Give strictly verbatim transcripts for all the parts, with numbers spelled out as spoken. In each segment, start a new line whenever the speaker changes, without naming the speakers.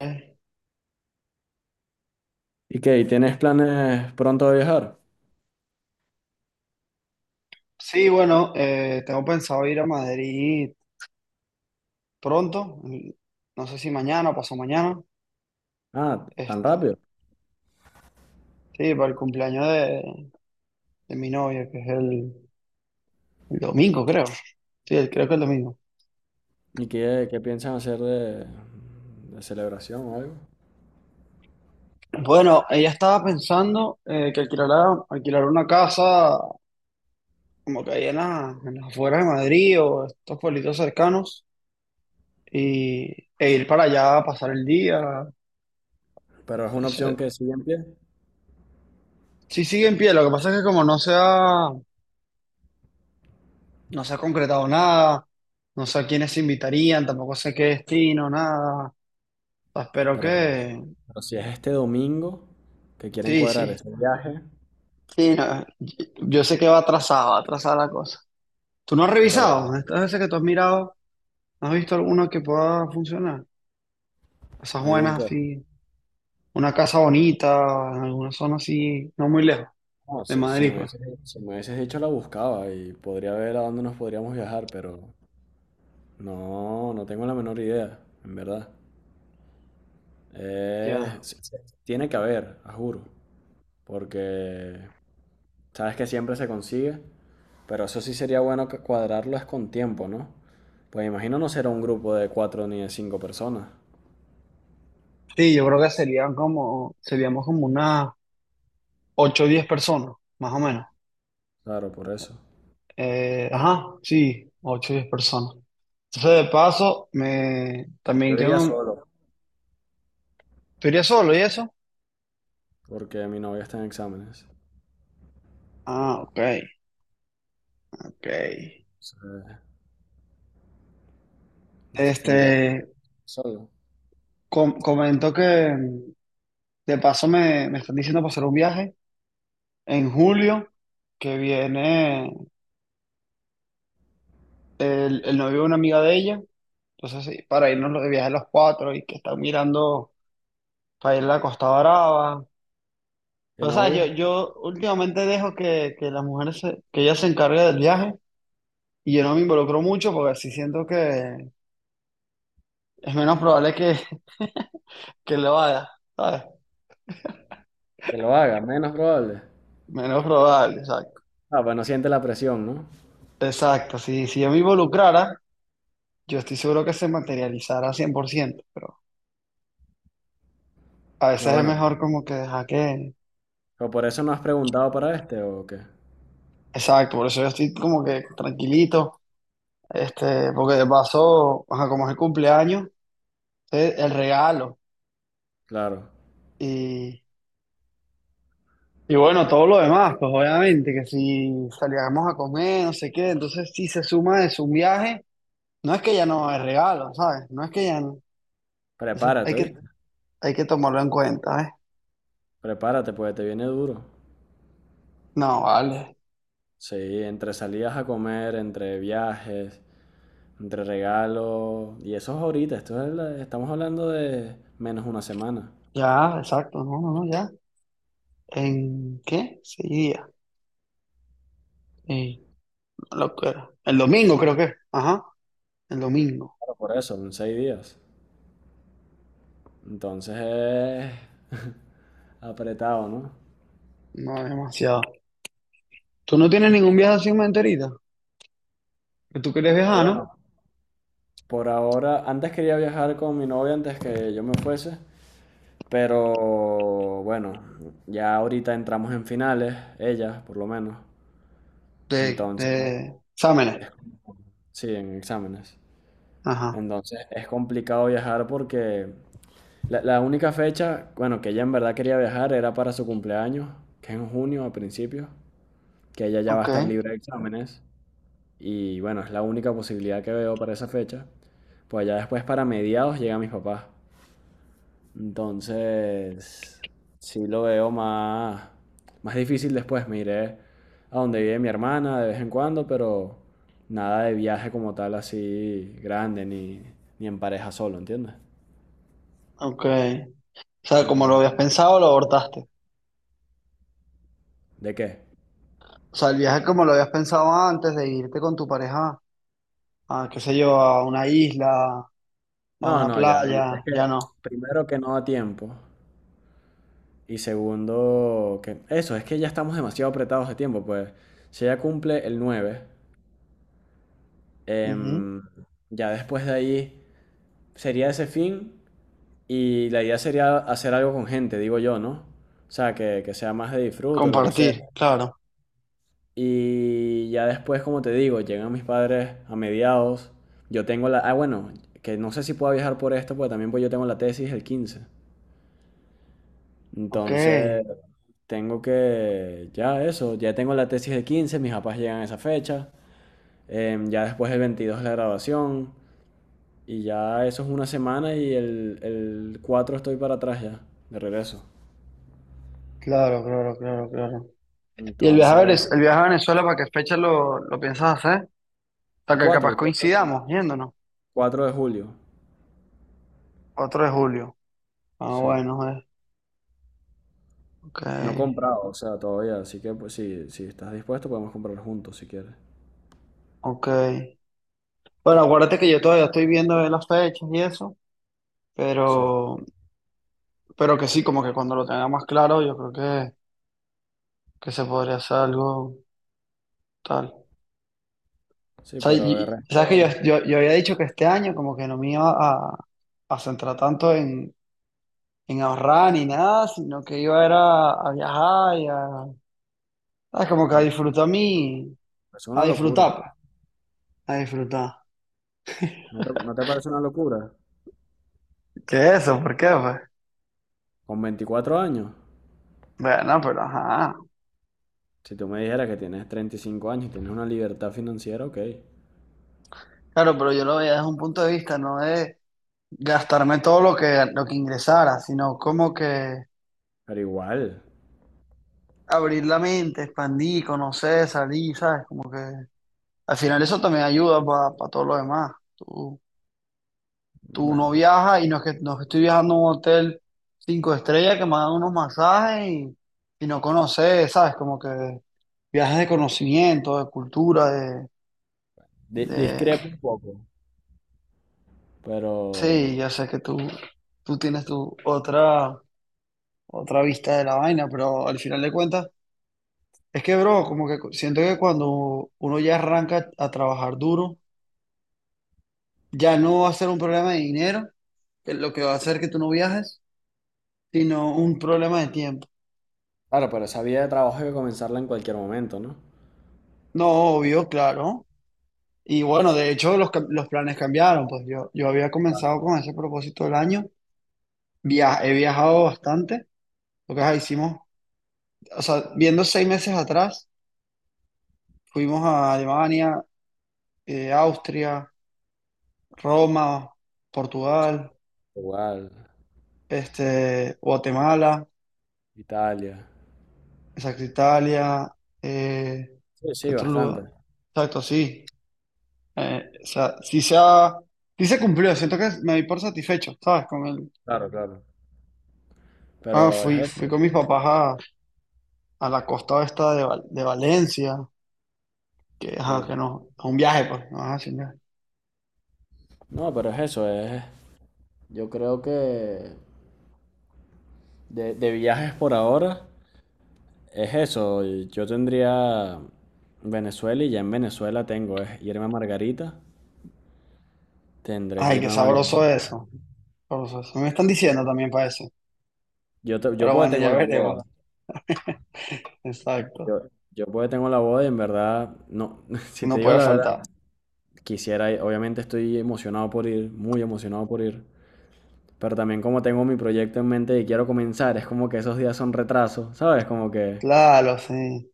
Eh,
¿Y qué? ¿Y ¿Tienes planes pronto de viajar?
Sí, bueno, eh, tengo pensado ir a Madrid pronto, mm, no sé si mañana o pasado mañana,
Ah, tan
este,
rápido.
sí, para el cumpleaños de, de mi novia, que es el, el domingo, creo. Sí, el- creo que el domingo.
¿Y qué, qué piensan hacer de, de celebración o algo?
Bueno, ella estaba pensando eh, que alquilara, alquilar una casa como que ahí en, la- en las afueras de Madrid o estos pueblitos cercanos y, e ir para allá a pasar el día.
Pero es una opción
Ese-
que sigue en pie.
Sí, sigue en pie, lo que pasa es que como no se ha No se ha concretado nada, no sé a quiénes se invitarían, tampoco sé qué destino, nada. Espero
Pero,
que...
pero si es este domingo que quieren
Sí,
cuadrar
sí,
ese viaje,
sí, no, Yo yo sé que va atrasado, va atrasada la cosa. ¿Tú no has
pero
revisado? Estas veces que tú has mirado, ¿no has visto alguna que pueda funcionar? Esas
algún
buenas
que...
así, una casa bonita, en alguna zona así, no muy lejos,
No,
de
si, si
Madrid,
me
pues.
hubieses, si me hubieses dicho la buscaba y podría ver a dónde nos podríamos viajar, pero no, no tengo la menor idea, en verdad. Eh,
Ya.
se- se- tiene que haber, a juro. Porque sabes que siempre se consigue, pero eso sí sería bueno que cuadrarlo es con tiempo, ¿no? Pues imagino no será un grupo de cuatro ni de cinco personas.
Sí, yo creo que serían como, seríamos como unas ocho o diez personas, más o menos.
Claro, por eso.
Eh, ajá, sí, ocho o diez personas. Entonces, de paso, me también
Yo
tengo
iría
un...
solo,
¿Tú irías solo y eso?
porque mi novia está en exámenes.
Ah, ok, ok.
Entonces, entonces
Este,
tendría que ir solo.
com- comentó que mm, de paso me, me están diciendo para hacer un viaje en julio, que viene el, el novio de una amiga de ella. Entonces, sí, para irnos de viaje los cuatro y que están mirando para ir a la Costa Brava.
¿Qué
Pero, ¿sabes? Yo,
novio?
yo últimamente dejo que, que las mujeres, se- que ellas se encarguen del viaje y yo no me involucro mucho porque así siento que es menos probable que, que le vaya, ¿sabes?
Que lo haga, menos probable.
Menos probable, exacto.
Ah, pues no siente la presión, ¿no?
Exacto, si, si yo me involucrara, yo estoy seguro que se materializara cien por ciento, pero a
No,
veces es
bueno.
mejor como que dejar que...
¿Pero por eso no has preguntado para este o qué?
Exacto, por eso yo estoy como que tranquilito, este, porque de paso, ajá, como es el cumpleaños, es el regalo
Claro.
y, y bueno, todo lo demás, pues obviamente, que si salíamos a comer, no sé qué, entonces si se suma de su viaje, no es que ya no es regalo, ¿sabes? No es que ya no. Entonces
Prepárate,
hay que,
¿oíste?
hay que tomarlo en cuenta, ¿eh?
Prepárate, pues te viene duro.
No, vale.
Sí, entre salidas a comer, entre viajes. Entre regalos. Y eso es ahorita. Esto es la- estamos hablando de menos una semana.
Ya, exacto. No, no, no, ya. ¿En qué? Seis días. Eh, una locura. El domingo creo que. Ajá. El domingo.
Claro, por eso, en seis días. Entonces es apretado, ¿no?
No, demasiado. ¿Tú no tienes ningún viaje así en mente ahorita? Que tú quieres
No,
viajar, ¿no?
bueno. Por ahora, antes quería viajar con mi novia antes que yo me fuese. Pero bueno, ya ahorita entramos en finales, ella por lo menos.
De,
Entonces,
de exámenes.
sí, en exámenes.
Ajá.
Entonces es complicado viajar porque La, la única fecha, bueno, que ella en verdad quería viajar era para su cumpleaños, que es en junio a principios, que ella ya va a
Ok,
estar libre de exámenes. Y bueno, es la única posibilidad que veo para esa fecha. Pues ya después para mediados llega mis papás. Entonces, sí lo veo más, más difícil después. Me iré a donde vive mi hermana de vez en cuando, pero nada de viaje como tal así grande, ni, ni en pareja solo, ¿entiendes?
ok. O sea, como lo
Entonces,
habías pensado, lo abortaste.
¿de qué?
O sea, el viaje como lo habías pensado antes de irte con tu pareja a, qué sé yo, a una isla, a
No,
una
no, ya. Es
playa,
que
ya no.
primero que no da tiempo. Y segundo, que eso, es que ya estamos demasiado apretados de tiempo, pues. Si ella cumple el nueve,
Ujú.
em, ya después de ahí sería ese fin. Y la idea sería hacer algo con gente, digo yo, ¿no? O sea, que, que sea más de disfrute, o lo que sea.
Compartir, claro.
Y ya después, como te digo, llegan mis padres a mediados. Yo tengo la... Ah, bueno, que no sé si puedo viajar por esto, porque también pues yo tengo la tesis el quince.
Ok.
Entonces, tengo que, ya eso, ya tengo la tesis de quince mis papás llegan a esa fecha, em, ya después el veintidós es la graduación, y ya eso es una semana y el, el cuatro estoy para atrás ya, de regreso.
Claro, claro, claro, claro. ¿Y el viaje a
Entonces,
Venez- el viaje a Venezuela, para qué fecha lo, lo piensas hacer?
el
Hasta que
cuatro
capaz
el cuatro
coincidamos yéndonos.
cuatro de julio,
cuatro de julio. Ah,
sí.
bueno, eh. Ok,
No he comprado, o sea, todavía, así que pues sí, si estás dispuesto podemos comprar juntos si quieres.
ok. Bueno, acuérdate que yo todavía estoy viendo de las fechas y eso,
Sí,
pero, pero que sí, como que cuando lo tenga más claro, yo creo que, que se podría hacer algo tal. O
sí,
sea,
pero de
y- sabes que yo,
resto,
yo, yo había dicho que este año como que no me iba a, a centrar tanto en, en ahorrar ni nada, sino que iba era a viajar y a, ¿sabes? Como que a
no,
disfrutar mi,
es
a
una locura.
disfrutar, pues, a disfrutar.
¿No te, ¿no te parece una locura?
¿Qué es eso? ¿Por qué, pues?
Con veinticuatro años.
Bueno, pero ajá.
Si tú me dijeras que tienes treinta y cinco años y tienes una libertad financiera, ok.
Claro, pero yo lo veía desde un punto de vista, no de gastarme todo lo que, lo que ingresara, sino como que
Pero igual,
abrir la mente, expandir, conocer, salir, ¿sabes? Como que al final eso también ayuda para todo lo demás. Tú Tú no
bueno,
viajas y no es que, no es que estoy viajando a un hotel cinco estrellas que me dan unos masajes y, y no conoces, ¿sabes? Como que viajes de conocimiento, de cultura, de,
di-
de...
discrepo un poco. Pero,
Sí, ya sé que tú, tú tienes tu otra, otra vista de la vaina, pero al final de cuentas, es que, bro, como que siento que cuando uno ya arranca a trabajar duro, ya no va a ser un problema de dinero, que es lo que va a hacer que tú no viajes, sino un problema de tiempo.
claro, pero esa vida de trabajo hay que comenzarla en cualquier momento, ¿no?
No, obvio, claro. Y bueno, de hecho los, cam- los planes cambiaron, pues yo, yo había comenzado con ese propósito del año. Via- he viajado bastante, lo que ajá, hicimos, o sea, viendo seis meses atrás, fuimos a Alemania, eh, Austria, Roma, Portugal,
Igual,
este, Guatemala,
Italia.
exacto, Italia, eh,
Sí,
¿qué
sí,
otro lugar?
bastante.
Exacto, sí. Eh, o sea, sí se ha- sí se cumplió, siento que me di por satisfecho, ¿sabes? Con el,
Claro, claro.
ah,
Pero es
fui, fui
eso,
con mis papás a la costa esta de, Val- de Valencia, que, ajá,
claro.
que no, es un viaje, pues, no vas a sin.
No, pero es eso, es... Yo creo que de, de viajes por ahora es eso. Yo tendría Venezuela y ya en Venezuela tengo, es irme a Margarita. Tendré
Ay,
que
qué
irme a Margarita.
sabroso eso. Sabroso eso. Me están diciendo también para eso.
Yo, te- yo
Pero
porque
bueno,
tengo
ya
la boda.
veremos. Exacto.
Yo, yo porque tengo la boda y en verdad, no, si te
No
digo
puede
la verdad,
faltar.
quisiera ir. Obviamente estoy emocionado por ir, muy emocionado por ir. Pero también como tengo mi proyecto en mente y quiero comenzar, es como que esos días son retrasos, ¿sabes? Como que...
Claro, sí.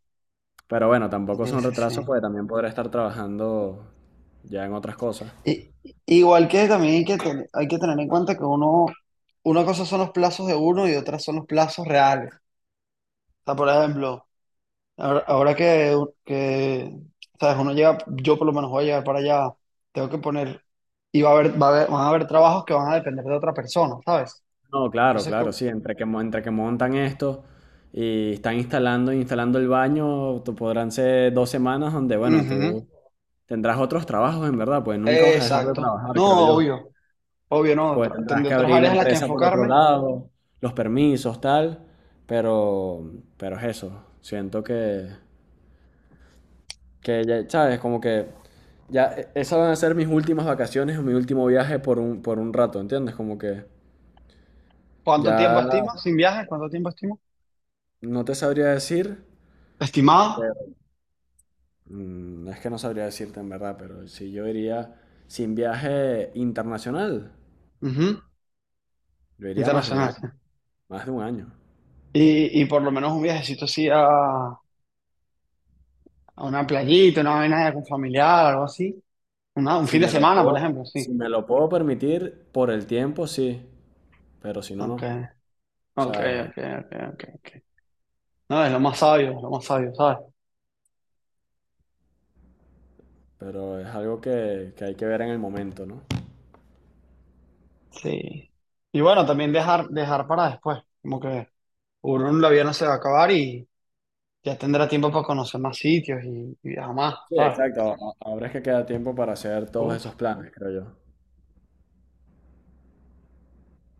Pero bueno,
Sí,
tampoco son
sí,
retrasos
sí.
porque también podré estar trabajando ya en otras cosas.
Y, igual que también hay que, ten- hay que tener en cuenta que uno, una cosa son los plazos de uno y otra son los plazos reales. O sea, por ejemplo, Ahora, ahora que, que, sabes, uno llega, yo por lo menos voy a llegar para allá, tengo que poner, y va a haber, va a haber- van a haber trabajos que van a depender de otra persona, ¿sabes?
No, claro,
Entonces,
claro,
como,
sí, entre que, mo- entre que montan esto y están instalando, instalando el baño, tú podrán ser dos semanas donde, bueno, tú
ujú,
tendrás otros trabajos en verdad, pues nunca vas a dejar de
exacto.
trabajar,
No,
creo yo.
obvio, obvio, no.
Pues
otra-
tendrás
Tendré
que
otras
abrir la
áreas en las que
empresa por otro
enfocarme.
lado, los permisos, tal, pero, pero es eso, siento que, que ya, sabes, como que ya eh, esas van a ser mis últimas vacaciones o mi último viaje por un, por un rato, ¿entiendes? Como que
¿Cuánto tiempo
ya
estima sin viaje? ¿Cuánto tiempo estima?
no te sabría decir.
Estimado,
Mm, es que no sabría decirte en verdad, pero si yo iría sin viaje internacional,
ujú,
yo iría más de un
internacional.
año,
Sí.
más de un año.
Y, y por lo menos un viajecito así a, a una playita, una vaina con familiar, algo así. Una- un
Si
fin de
me lo
semana, por
puedo,
ejemplo, sí.
si me lo puedo permitir por el tiempo, sí, pero si no,
Ok.
no. O
Ok,
sea,
ok, ok, ok, ok. No, es lo más sabio, es lo más sabio, ¿sabes?
pero es algo que, que hay que ver en el momento, ¿no?
Sí. Y bueno, también dejar, dejar para después, como que uno la vida no se va a acabar y ya tendrá tiempo para conocer más sitios y, y viajar más,
Sí,
¿sabes?
exacto. a- Ahora es que queda tiempo para hacer todos esos
Uf.
planes, creo yo.